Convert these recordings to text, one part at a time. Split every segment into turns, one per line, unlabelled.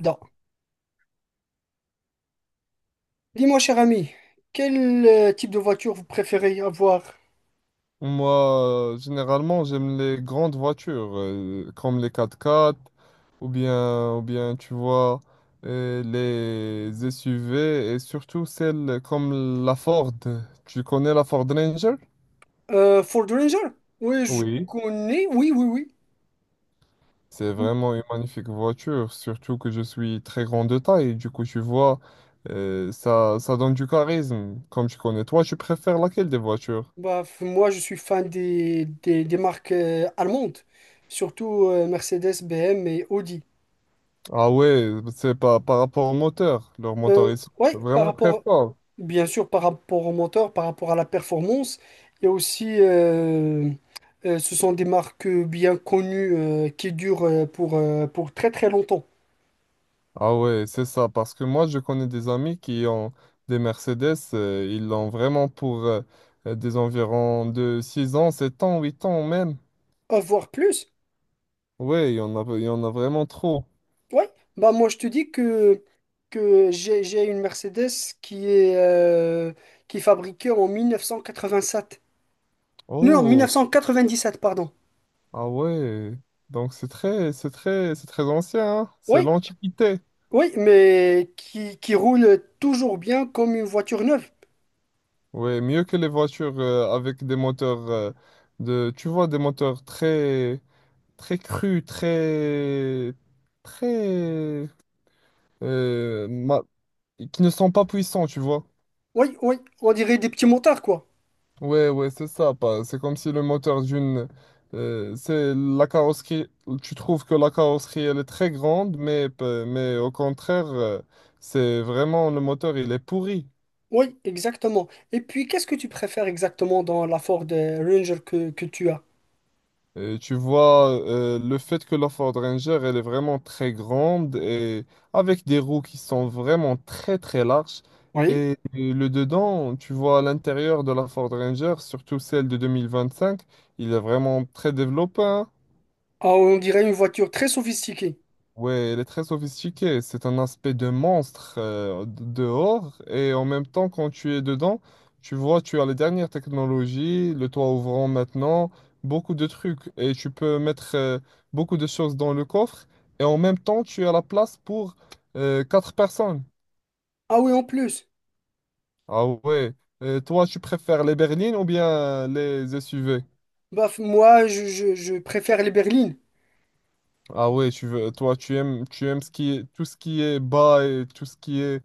Non. Dis-moi, cher ami, quel type de voiture vous préférez avoir?
Moi, généralement, j'aime les grandes voitures, comme les quatre-quatre, ou bien, tu vois, les SUV, et surtout celles comme la Ford. Tu connais la Ford Ranger?
Ford Ranger? Oui, je
Oui.
connais. Oui, oui, oui.
C'est
Oui.
vraiment une magnifique voiture, surtout que je suis très grand de taille. Du coup, tu vois, ça donne du charisme. Comme tu connais, toi, tu préfères laquelle des voitures?
Moi, je suis fan des marques allemandes, surtout Mercedes, BM et Audi.
Ah ouais, c'est pas par rapport au moteur. Leur
Euh,
moteur, ils sont
ouais, par
vraiment très
rapport,
forts.
bien sûr, par rapport au moteur, par rapport à la performance, et aussi, ce sont des marques bien connues qui durent pour très très longtemps.
Ah ouais, c'est ça, parce que moi je connais des amis qui ont des Mercedes, ils l'ont vraiment pour des environs de 6 ans, 7 ans, 8 ans même.
Voire plus.
Ouais, il y en a vraiment trop.
Ouais, bah moi je te dis que j'ai une Mercedes qui est, euh, qui est fabriquée en sept. Non, mille neuf
Oh,
cent quatre-vingt-dix sept pardon.
ah ouais, donc c'est très ancien, hein. C'est
Oui,
l'antiquité.
oui, mais qui roule toujours bien comme une voiture neuve.
Ouais, mieux que les voitures avec des moteurs de, tu vois, des moteurs très crus, très, euh, ma- qui ne sont pas puissants, tu vois.
Oui, oui, on dirait des petits motards, quoi.
Ouais, c'est ça. C'est comme si le moteur d'une, c'est la carrosserie. Tu trouves que la carrosserie, elle est très grande, mais, mais au contraire, c'est vraiment le moteur, il est pourri.
Oui, exactement. Et puis, qu'est-ce que tu préfères exactement dans la Ford Ranger que tu as?
Et tu vois, le fait que la Ford Ranger, elle est vraiment très grande et avec des roues qui sont vraiment très larges.
Oui.
Et le dedans, tu vois, à l'intérieur de la Ford Ranger, surtout celle de 2025, il est vraiment très développé, hein.
Ah, on dirait une voiture très sophistiquée.
Ouais, elle est très sophistiquée. C'est un aspect de monstre dehors. Et en même temps, quand tu es dedans, tu vois, tu as les dernières technologies, le toit ouvrant maintenant, beaucoup de trucs. Et tu peux mettre beaucoup de choses dans le coffre. Et en même temps, tu as la place pour quatre personnes.
Ah oui, en plus.
Ah ouais. Toi, tu préfères les berlines ou bien les SUV?
Moi, je, je préfère les berlines.
Ah ouais, tu veux, toi, tu aimes ce qui est, tout ce qui est bas et tout ce qui est.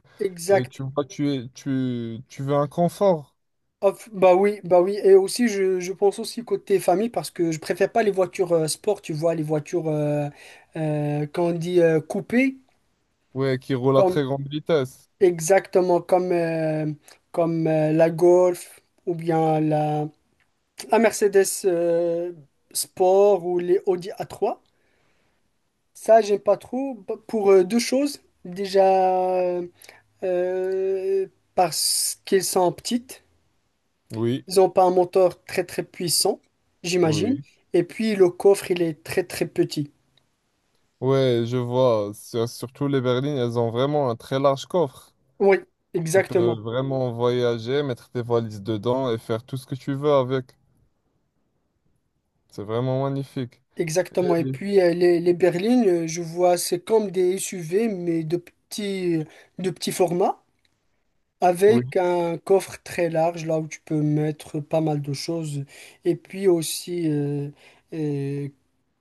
Et
Exact.
tu vois, tu veux un confort,
Hop, bah oui, et aussi je pense aussi côté famille parce que je préfère pas les voitures sport, tu vois, les voitures quand on dit coupées,
ouais, qui roule à
comme
très grande vitesse.
exactement comme comme la Golf ou bien la, la Mercedes Sport ou les Audi A3. Ça, j'aime pas trop pour deux choses. Déjà euh, parce qu'elles sont petites.
Oui,
Ils n'ont pas un moteur très très puissant, j'imagine.
oui.
Et puis le coffre, il est très très petit.
Ouais, je vois. Surtout les berlines, elles ont vraiment un très large coffre.
Oui,
Tu peux
exactement.
vraiment voyager, mettre tes valises dedans et faire tout ce que tu veux avec. C'est vraiment magnifique.
Exactement. Et
Et
puis les berlines, je vois, c'est comme des SUV, mais de petits formats,
oui.
avec un coffre très large, là où tu peux mettre pas mal de choses. Et puis aussi, euh,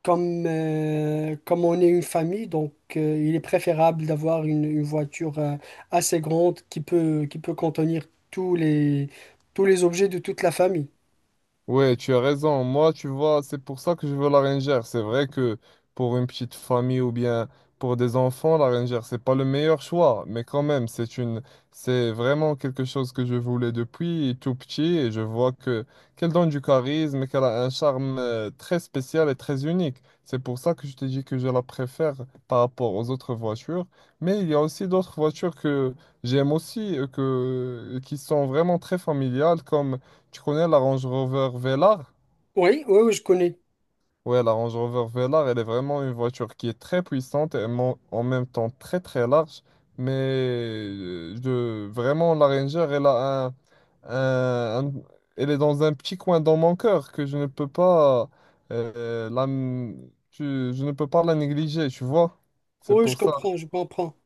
comme, comme on est une famille, donc il est préférable d'avoir une voiture assez grande qui peut contenir tous les objets de toute la famille.
Ouais, tu as raison. Moi, tu vois, c'est pour ça que je veux la rangère. C'est vrai que pour une petite famille ou bien pour des enfants, la rangère, c'est pas le meilleur choix, mais quand même, c'est vraiment quelque chose que je voulais depuis tout petit et je vois que qu'elle donne du charisme et qu'elle a un charme très spécial et très unique. C'est pour ça que je t'ai dit que je la préfère par rapport aux autres voitures, mais il y a aussi d'autres voitures que j'aime aussi que qui sont vraiment très familiales. Comme tu connais la Range Rover Velar?
Oui, oui, oui, je connais.
Ouais, la Range Rover Velar, elle est vraiment une voiture qui est très puissante et en même temps très très large. Mais vraiment, la Ranger, elle a un- un- elle est dans un petit coin dans mon cœur que je ne peux pas, euh, la, je ne peux pas la négliger, tu vois? C'est
Oui, je
pour ça.
comprends, je comprends.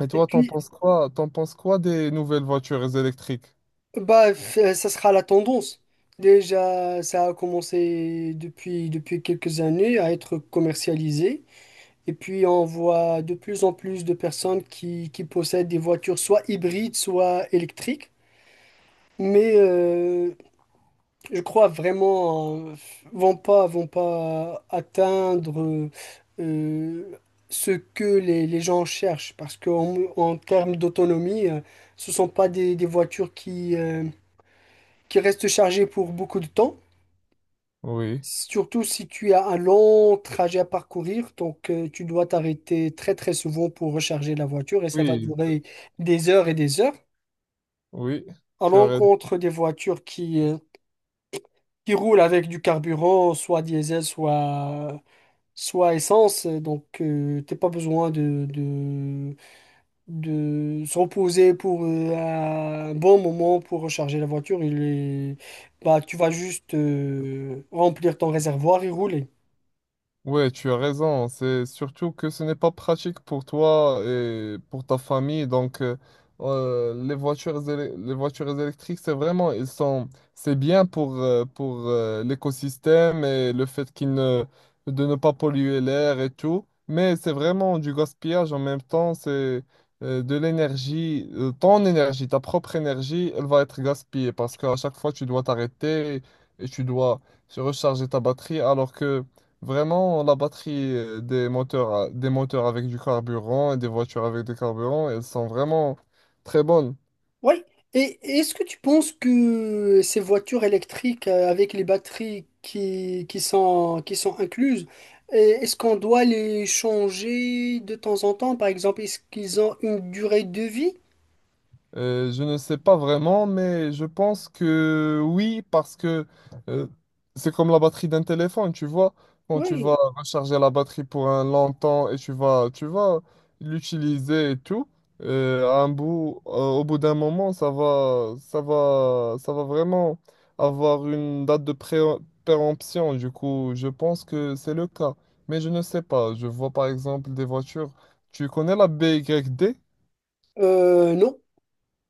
Et
Et
toi, t'en
puis,
penses quoi? T'en penses quoi des nouvelles voitures électriques?
bah, ça sera la tendance. Déjà, ça a commencé depuis, depuis quelques années à être commercialisé. Et puis, on voit de plus en plus de personnes qui possèdent des voitures soit hybrides, soit électriques. Mais je crois vraiment vont pas atteindre euh, ce que les gens cherchent parce qu'en en termes d'autonomie, ce sont pas des, des voitures qui restent chargées pour beaucoup de temps.
Oui.
Surtout si tu as un long trajet à parcourir, donc tu dois t'arrêter très très souvent pour recharger la voiture et ça va
Oui.
durer des heures et des heures.
Oui,
À
tu as raison.
l'encontre des voitures qui roule avec du carburant, soit diesel, soit, soit essence. Donc, t'as pas besoin de se reposer pour un bon moment pour recharger la voiture. Il est, bah, tu vas juste remplir ton réservoir et rouler.
Ouais, tu as raison. C'est surtout que ce n'est pas pratique pour toi et pour ta famille. Donc, les voitures, les voitures électriques, c'est vraiment, ils sont, c'est bien pour, l'écosystème et le fait qu'ils ne, de ne pas polluer l'air et tout. Mais c'est vraiment du gaspillage en même temps. C'est de l'énergie, ta propre énergie, elle va être gaspillée parce qu'à chaque fois, tu dois t'arrêter et tu dois recharger ta batterie. Alors que vraiment, la batterie des moteurs avec du carburant et des voitures avec du carburant, elles sont vraiment très bonnes.
Oui. Et est-ce que tu penses que ces voitures électriques avec les batteries qui sont incluses, est-ce qu'on doit les changer de temps en temps? Par exemple, est-ce qu'ils ont une durée de vie?
Je ne sais pas vraiment, mais je pense que oui, parce que euh, c'est comme la batterie d'un téléphone, tu vois. Quand tu
Oui.
vas recharger la batterie pour un long temps et tu vas l'utiliser et tout, au bout d'un moment, ça va vraiment avoir une date de péremption. Du coup, je pense que c'est le cas. Mais je ne sais pas. Je vois par exemple des voitures. Tu connais la B Y D?
Non,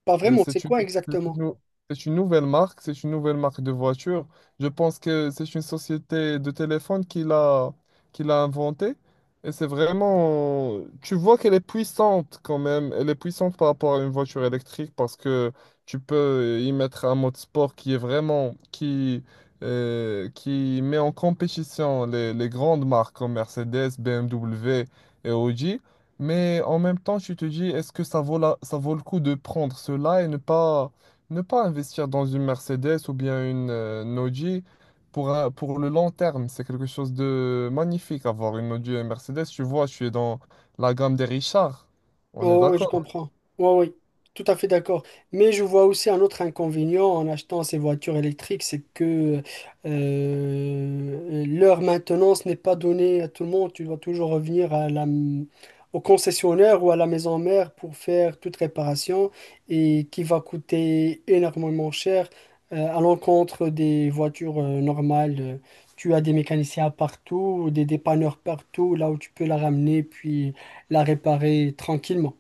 pas vraiment. C'est
C'est une,
quoi
c'est une
exactement?
nou- c'est une nouvelle marque, c'est une nouvelle marque de voiture. Je pense que c'est une société de téléphone qui l'a inventée. Et c'est vraiment... Tu vois qu'elle est puissante quand même. Elle est puissante par rapport à une voiture électrique parce que tu peux y mettre un mode sport qui est vraiment, qui met en compétition les grandes marques comme Mercedes, BMW et Audi. Mais en même temps, tu te dis, est-ce que ça vaut le coup de prendre cela et ne pas investir dans une Mercedes ou bien une Audi pour, pour le long terme? C'est quelque chose de magnifique, avoir une Audi et une Mercedes. Tu vois, je suis dans la gamme des Richards. On est
Oh, oui, je
d'accord.
comprends. Oui, oui, tout à fait d'accord. Mais je vois aussi un autre inconvénient en achetant ces voitures électriques, c'est que leur maintenance n'est pas donnée à tout le monde. Tu dois toujours revenir à la, au concessionnaire ou à la maison mère pour faire toute réparation et qui va coûter énormément cher à l'encontre des voitures normales. Tu as des mécaniciens partout, des dépanneurs partout, là où tu peux la ramener puis la réparer tranquillement.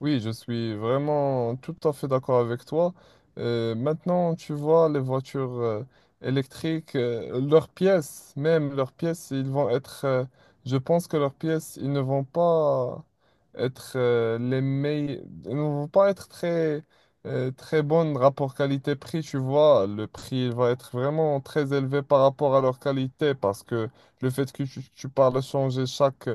Oui, je suis vraiment tout à fait d'accord avec toi. Maintenant, tu vois, les voitures électriques, même leurs pièces, je pense que leurs pièces, ils ne vont pas être les meilleurs, ils ne vont pas être très bonnes rapport qualité-prix, tu vois. Le prix il va être vraiment très élevé par rapport à leur qualité parce que le fait que tu parles changer chaque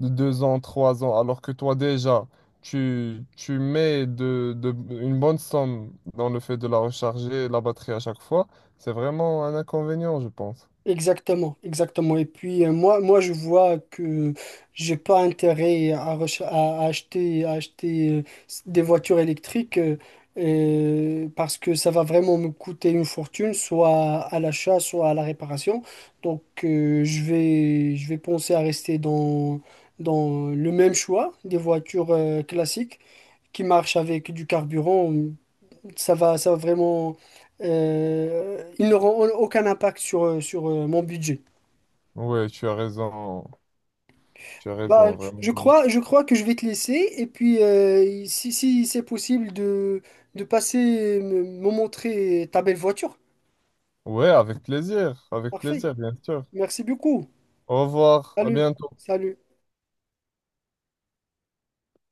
de 2 ans, 3 ans, alors que toi déjà, tu mets une bonne somme dans le fait de la recharger, la batterie à chaque fois, c'est vraiment un inconvénient, je pense.
Exactement, exactement. Et puis moi, je vois que j'ai pas intérêt à, à acheter des voitures électriques parce que ça va vraiment me coûter une fortune, soit à l'achat, soit à la réparation. Donc je vais penser à rester dans, dans le même choix des voitures classiques qui marchent avec du carburant. Ça va vraiment. Ils n'auront aucun impact sur, sur mon budget.
Ouais, tu as raison, tu as
Bah,
raison, vraiment.
je crois que je vais te laisser. Et puis, si, si c'est possible de passer, me montrer ta belle voiture.
Ouais, avec
Parfait.
plaisir, bien sûr.
Merci beaucoup.
Au revoir, à
Salut.
bientôt.
Salut.